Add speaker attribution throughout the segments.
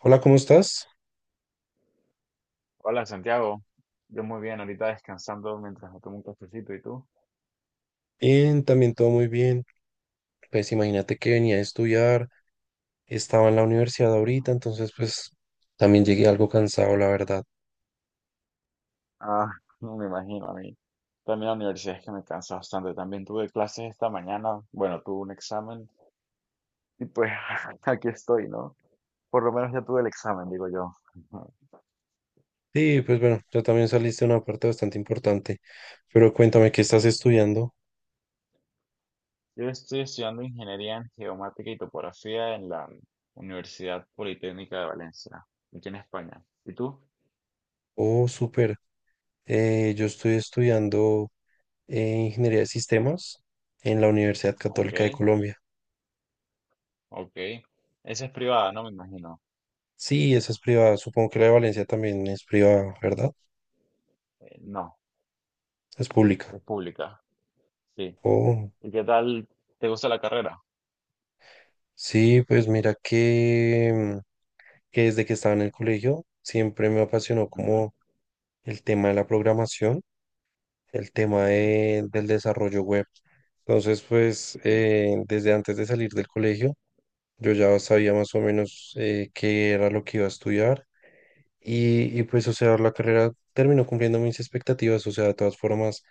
Speaker 1: Hola, ¿cómo estás?
Speaker 2: Hola Santiago, yo muy bien, ahorita descansando mientras me tomo un cafecito, ¿y tú?
Speaker 1: Bien, también todo muy bien. Pues imagínate que venía a estudiar, estaba en la universidad ahorita,
Speaker 2: Ujú.
Speaker 1: entonces pues también llegué algo cansado, la verdad.
Speaker 2: Ah, no me imagino a mí. También la universidad es que me cansa bastante. También tuve clases esta mañana, bueno, tuve un examen y pues aquí estoy, ¿no? Por lo menos ya tuve el examen, digo yo. Ujú.
Speaker 1: Sí, pues bueno, yo también saliste una parte bastante importante, pero cuéntame qué estás estudiando.
Speaker 2: Yo estoy estudiando ingeniería en geomática y topografía en la Universidad Politécnica de Valencia, aquí en España. ¿Y tú?
Speaker 1: Oh, súper. Yo estoy estudiando Ingeniería de Sistemas en la Universidad
Speaker 2: Ok,
Speaker 1: Católica de Colombia.
Speaker 2: ok. Esa es privada, no me imagino.
Speaker 1: Sí, esa es privada, supongo que la de Valencia también es privada, ¿verdad?
Speaker 2: No,
Speaker 1: Es pública.
Speaker 2: es pública. Sí.
Speaker 1: Oh,
Speaker 2: ¿Y qué tal te gusta la carrera?
Speaker 1: sí, pues mira que... Que desde que estaba en el colegio siempre me apasionó
Speaker 2: Ujú.
Speaker 1: como el tema de la programación, el tema
Speaker 2: Ujú.
Speaker 1: del desarrollo web. Entonces, pues
Speaker 2: Sí.
Speaker 1: desde antes de salir del colegio, yo ya sabía más o menos qué era lo que iba a estudiar y, pues, o sea, la carrera terminó cumpliendo mis expectativas. O sea, de todas formas,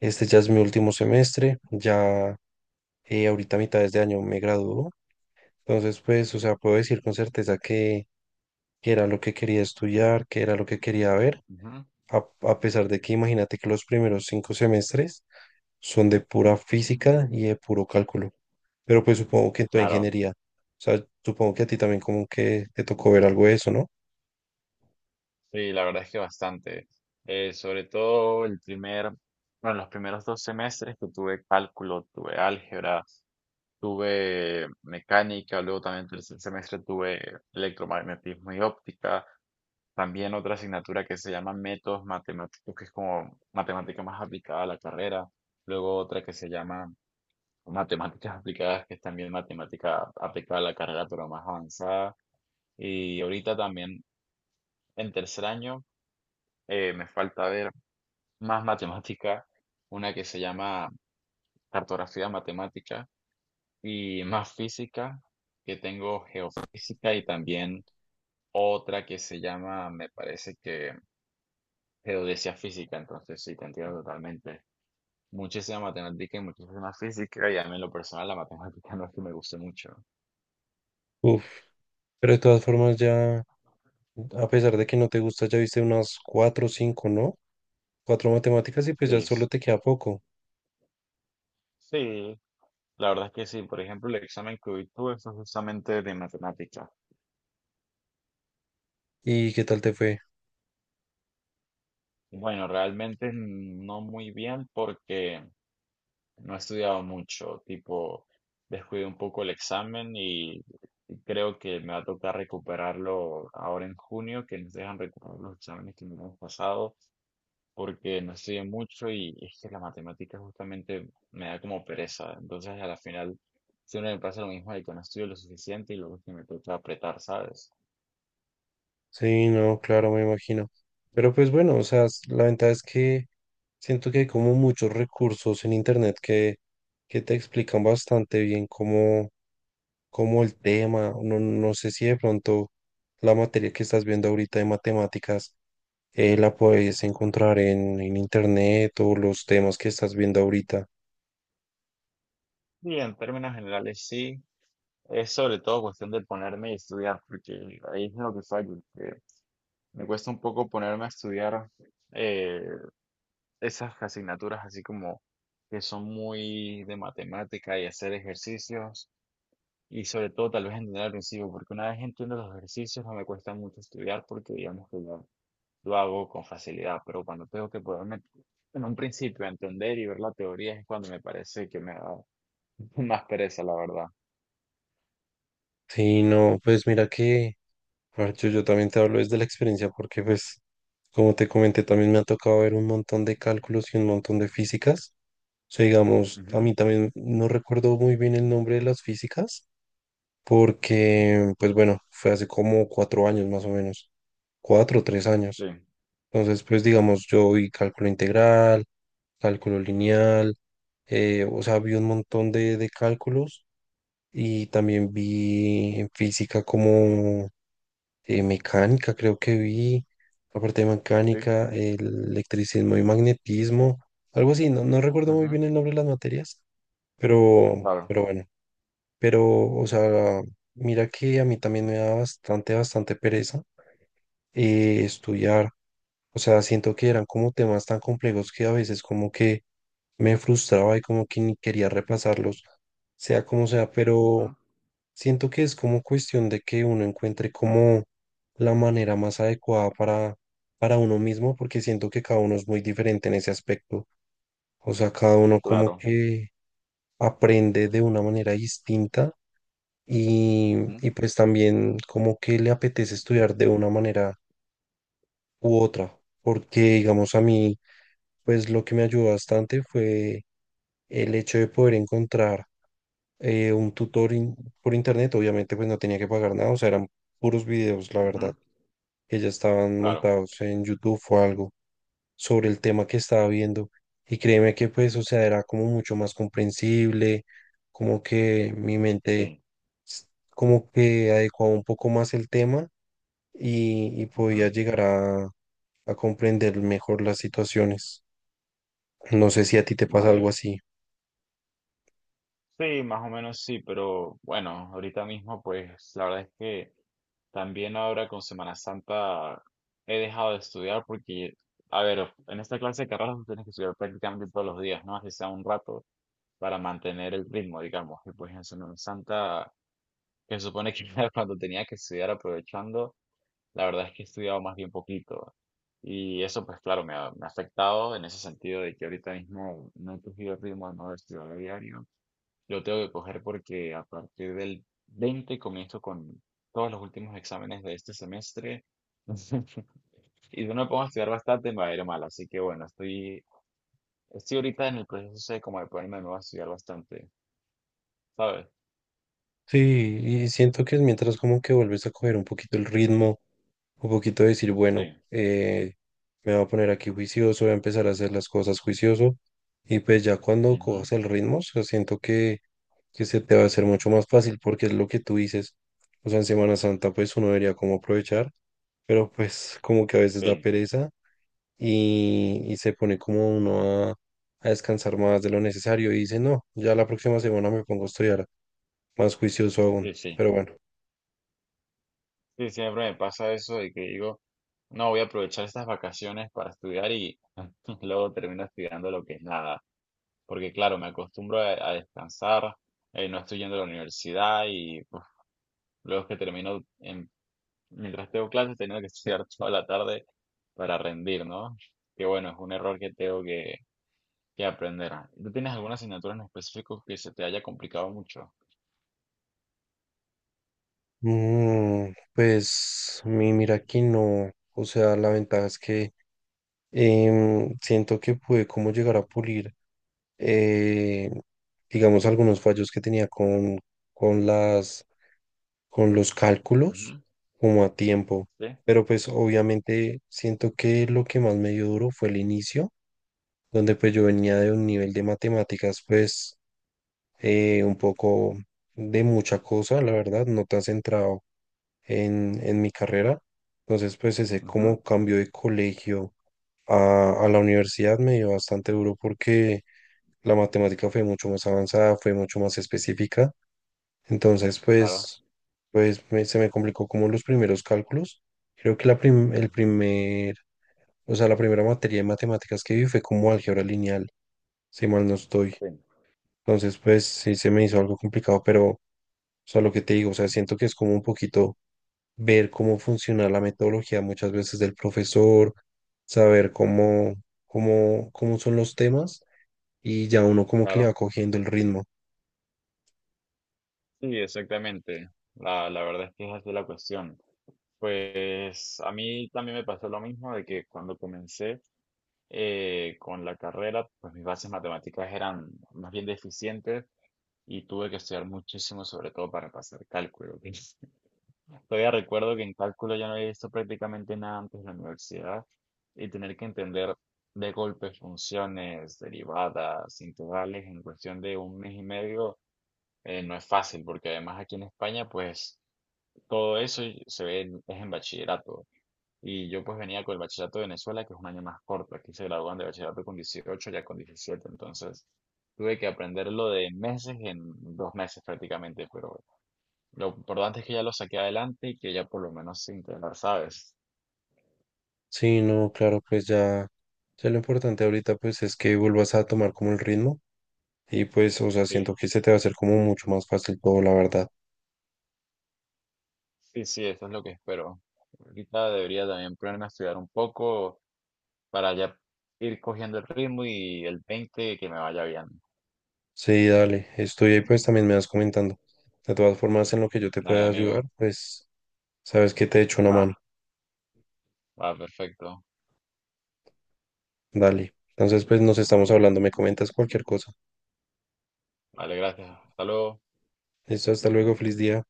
Speaker 1: este ya es mi último semestre, ya ahorita a mitades de este año me graduó. Entonces, pues, o sea, puedo decir con certeza que era lo que quería estudiar, que era lo que quería ver.
Speaker 2: Ujú.
Speaker 1: A pesar de que imagínate que los primeros cinco semestres son de pura física y de puro cálculo, pero pues supongo que en toda
Speaker 2: Claro,
Speaker 1: ingeniería, o sea, supongo que a ti también como que te tocó ver algo de eso, ¿no?
Speaker 2: sí, la verdad es que bastante. Sobre todo el primer, bueno, los primeros 2 semestres que tuve cálculo, tuve álgebra, tuve mecánica, luego también el tercer semestre tuve electromagnetismo y óptica, también otra asignatura que se llama métodos matemáticos, que es como matemática más aplicada a la carrera, luego otra que se llama matemáticas aplicadas, que es también matemática aplicada a la carrera, pero más avanzada. Y ahorita también en tercer año me falta ver más matemática, una que se llama cartografía matemática y más física, que tengo geofísica y también otra que se llama, me parece que geodesia física. Entonces sí, te entiendo totalmente. Muchísima matemática y muchísima física, y a mí en lo personal la matemática no es que me guste mucho.
Speaker 1: Uf, pero de todas formas ya, a pesar de que no te gusta, ya viste unas cuatro o cinco, ¿no? Cuatro matemáticas y pues ya
Speaker 2: Sí,
Speaker 1: solo te queda poco.
Speaker 2: sí. La verdad es que sí, por ejemplo, el examen que hoy tuve fue justamente de matemática.
Speaker 1: ¿Y qué tal te fue?
Speaker 2: Bueno, realmente no muy bien porque no he estudiado mucho, tipo, descuidé un poco el examen y creo que me va a tocar recuperarlo ahora en junio, que nos dejan recuperar los exámenes que nos hemos pasado, porque no estudié mucho y es que la matemática justamente me da como pereza. Entonces, a la final, siempre me pasa lo mismo de que no estudio lo suficiente y luego es que me toca apretar, ¿sabes?
Speaker 1: Sí, no, claro, me imagino. Pero pues bueno, o sea, la ventaja es que siento que hay como muchos recursos en internet que te explican bastante bien cómo, cómo el tema, no, no sé si de pronto la materia que estás viendo ahorita de matemáticas la puedes encontrar en internet o los temas que estás viendo ahorita.
Speaker 2: Sí, en términos generales sí, es sobre todo cuestión de ponerme y estudiar, porque ahí es lo que fallo, que me cuesta un poco ponerme a estudiar eh, esas asignaturas así como que son muy de matemática y hacer ejercicios, y sobre todo tal vez entender al principio, porque una vez entiendo los ejercicios no me cuesta mucho estudiar porque digamos que lo hago con facilidad, pero cuando tengo que ponerme en un principio a entender y ver la teoría es cuando me parece que me da más pereza, la verdad.
Speaker 1: Sí, no, pues mira que... Parcho, yo también te hablo desde la experiencia porque, pues, como te comenté, también me ha tocado ver un montón de cálculos y un montón de físicas. O sea, digamos, a
Speaker 2: Ujú.
Speaker 1: mí también no recuerdo muy bien el nombre de las físicas
Speaker 2: Ujú.
Speaker 1: porque, pues bueno, fue hace como cuatro años más o menos, cuatro o tres
Speaker 2: Sí.
Speaker 1: años. Entonces, pues, digamos, yo vi cálculo integral, cálculo lineal, o sea, vi un montón de cálculos y también vi en física como... Mecánica, creo que vi, aparte de
Speaker 2: Sí,
Speaker 1: mecánica, el electricismo y magnetismo, algo así, no, no recuerdo muy
Speaker 2: ajá,
Speaker 1: bien el nombre de las materias,
Speaker 2: claro,
Speaker 1: pero bueno, pero, o sea, mira que a mí también me da bastante, bastante pereza estudiar. O sea, siento que eran como temas tan complejos que a veces como que me frustraba y como que ni quería reemplazarlos, sea como sea, pero
Speaker 2: ujú,
Speaker 1: siento que es como cuestión de que uno encuentre como la manera más adecuada para uno mismo, porque siento que cada uno es muy diferente en ese aspecto. O sea, cada uno como
Speaker 2: claro,
Speaker 1: que aprende de una manera distinta
Speaker 2: ujú,
Speaker 1: y pues también como que le apetece estudiar de una manera u otra, porque digamos a mí, pues lo que me ayudó bastante fue el hecho de poder encontrar un tutor por internet, obviamente pues no tenía que pagar nada, o sea, eran puros videos, la verdad,
Speaker 2: ujú,
Speaker 1: que ya estaban
Speaker 2: claro,
Speaker 1: montados en YouTube o algo sobre el tema que estaba viendo. Y créeme que pues, o sea, era como mucho más comprensible, como que mi mente
Speaker 2: sí,
Speaker 1: como que adecuaba un poco más el tema y
Speaker 2: ujú,
Speaker 1: podía llegar a comprender mejor las situaciones. No sé si a ti te pasa algo
Speaker 2: vale.
Speaker 1: así.
Speaker 2: Sí, más o menos sí, pero bueno, ahorita mismo pues la verdad es que también ahora con Semana Santa he dejado de estudiar porque, a ver, en esta clase de carreras tú tienes que estudiar prácticamente todos los días, ¿no? Así sea un rato para mantener el ritmo, digamos. Y pues en Semana Santa, que se supone que era cuando tenía que estudiar aprovechando. La verdad es que he estudiado más bien poquito y eso pues claro me ha afectado en ese sentido de que ahorita mismo no he cogido el ritmo de no estudiar a diario. Lo tengo que coger porque a partir del 20 comienzo con todos los últimos exámenes de este semestre y si no me pongo a estudiar bastante me va a ir mal. Así que bueno, estoy ahorita en el proceso de como de ponerme de nuevo a estudiar bastante, ¿sabes?
Speaker 1: Sí, y siento que es mientras como que vuelves a coger un poquito el ritmo, un poquito de decir, bueno,
Speaker 2: Sí.
Speaker 1: me voy a poner aquí juicioso, voy a empezar a hacer las cosas juicioso, y pues ya cuando
Speaker 2: Ujú.
Speaker 1: cojas el ritmo, o sea, siento que se te va a hacer mucho más fácil porque es lo que tú dices. O sea, en Semana Santa pues uno debería como aprovechar, pero pues como que a veces da
Speaker 2: Sí,
Speaker 1: pereza y se pone como uno a descansar más de lo necesario y dice, no, ya la próxima semana me pongo a estudiar más juicioso aún.
Speaker 2: sí, sí.
Speaker 1: Pero bueno,
Speaker 2: Sí, siempre me pasa eso de que digo, no, voy a aprovechar estas vacaciones para estudiar y luego termino estudiando lo que es nada. Porque claro, me acostumbro a descansar, no estoy yendo a la universidad y uf, luego es que termino, mientras tengo clases, tengo que estudiar toda la tarde para rendir, ¿no? Que bueno, es un error que tengo que aprender. ¿Tú tienes alguna asignatura en específico que se te haya complicado mucho?
Speaker 1: mm, pues mi, mira que no, o sea, la ventaja es que siento que pude como llegar a pulir, eh, digamos, algunos fallos que tenía con las, con los cálculos
Speaker 2: Ujú.
Speaker 1: como a tiempo.
Speaker 2: Sí.
Speaker 1: Pero pues obviamente siento que lo que más me dio duro fue el inicio, donde pues yo venía de un nivel de matemáticas pues un poco de mucha cosa, la verdad, no tan centrado en mi carrera. Entonces, pues ese
Speaker 2: Ujú.
Speaker 1: como cambio de colegio a la universidad me dio bastante duro porque la matemática fue mucho más avanzada, fue mucho más específica. Entonces,
Speaker 2: Claro.
Speaker 1: pues, pues se me complicó como los primeros cálculos. Creo que la el
Speaker 2: Ujú.
Speaker 1: primer, o sea, la primera materia de matemáticas que vi fue como álgebra lineal, si mal no estoy.
Speaker 2: Sí.
Speaker 1: Entonces, pues sí se me hizo algo complicado, pero, o sea, lo que te digo, o sea, siento que es como un poquito ver cómo funciona la metodología muchas veces del profesor, saber cómo, cómo, cómo son los temas y ya uno como que le va
Speaker 2: Claro.
Speaker 1: cogiendo el ritmo.
Speaker 2: Sí, exactamente. La verdad es que es así la cuestión. Pues a mí también me pasó lo mismo de que cuando comencé con la carrera, pues mis bases matemáticas eran más bien deficientes y tuve que estudiar muchísimo, sobre todo para pasar cálculo. Todavía recuerdo que en cálculo ya no había visto prácticamente nada antes de la universidad y tener que entender de golpe funciones, derivadas, integrales en cuestión de un mes y medio no es fácil porque además aquí en España, pues todo eso y se ve en, es en bachillerato. Y yo pues venía con el bachillerato de Venezuela, que es un año más corto. Aquí se gradúan de bachillerato con 18, ya con 17. Entonces tuve que aprenderlo de meses en 2 meses prácticamente. Pero lo importante es que ya lo saqué adelante y que ya por lo menos sin intentar, ¿sabes?
Speaker 1: Sí, no, claro, pues ya, ya lo importante ahorita pues es que vuelvas a tomar como el ritmo y pues, o sea, siento
Speaker 2: Sí,
Speaker 1: que se te va a hacer como mucho más fácil todo, la verdad.
Speaker 2: sí, sí, eso es lo que espero. Ahorita debería también ponerme a estudiar un poco para ya ir cogiendo el ritmo y el 20 que me vaya bien.
Speaker 1: Sí, dale, estoy ahí pues también me vas comentando. De todas formas, en lo que yo te
Speaker 2: Dale,
Speaker 1: pueda ayudar,
Speaker 2: amigo.
Speaker 1: pues sabes que te echo una
Speaker 2: Va,
Speaker 1: mano.
Speaker 2: va, perfecto.
Speaker 1: Dale. Entonces, pues nos estamos hablando, me comentas cualquier cosa.
Speaker 2: Vale, gracias. Hasta luego.
Speaker 1: Listo, hasta luego, feliz día.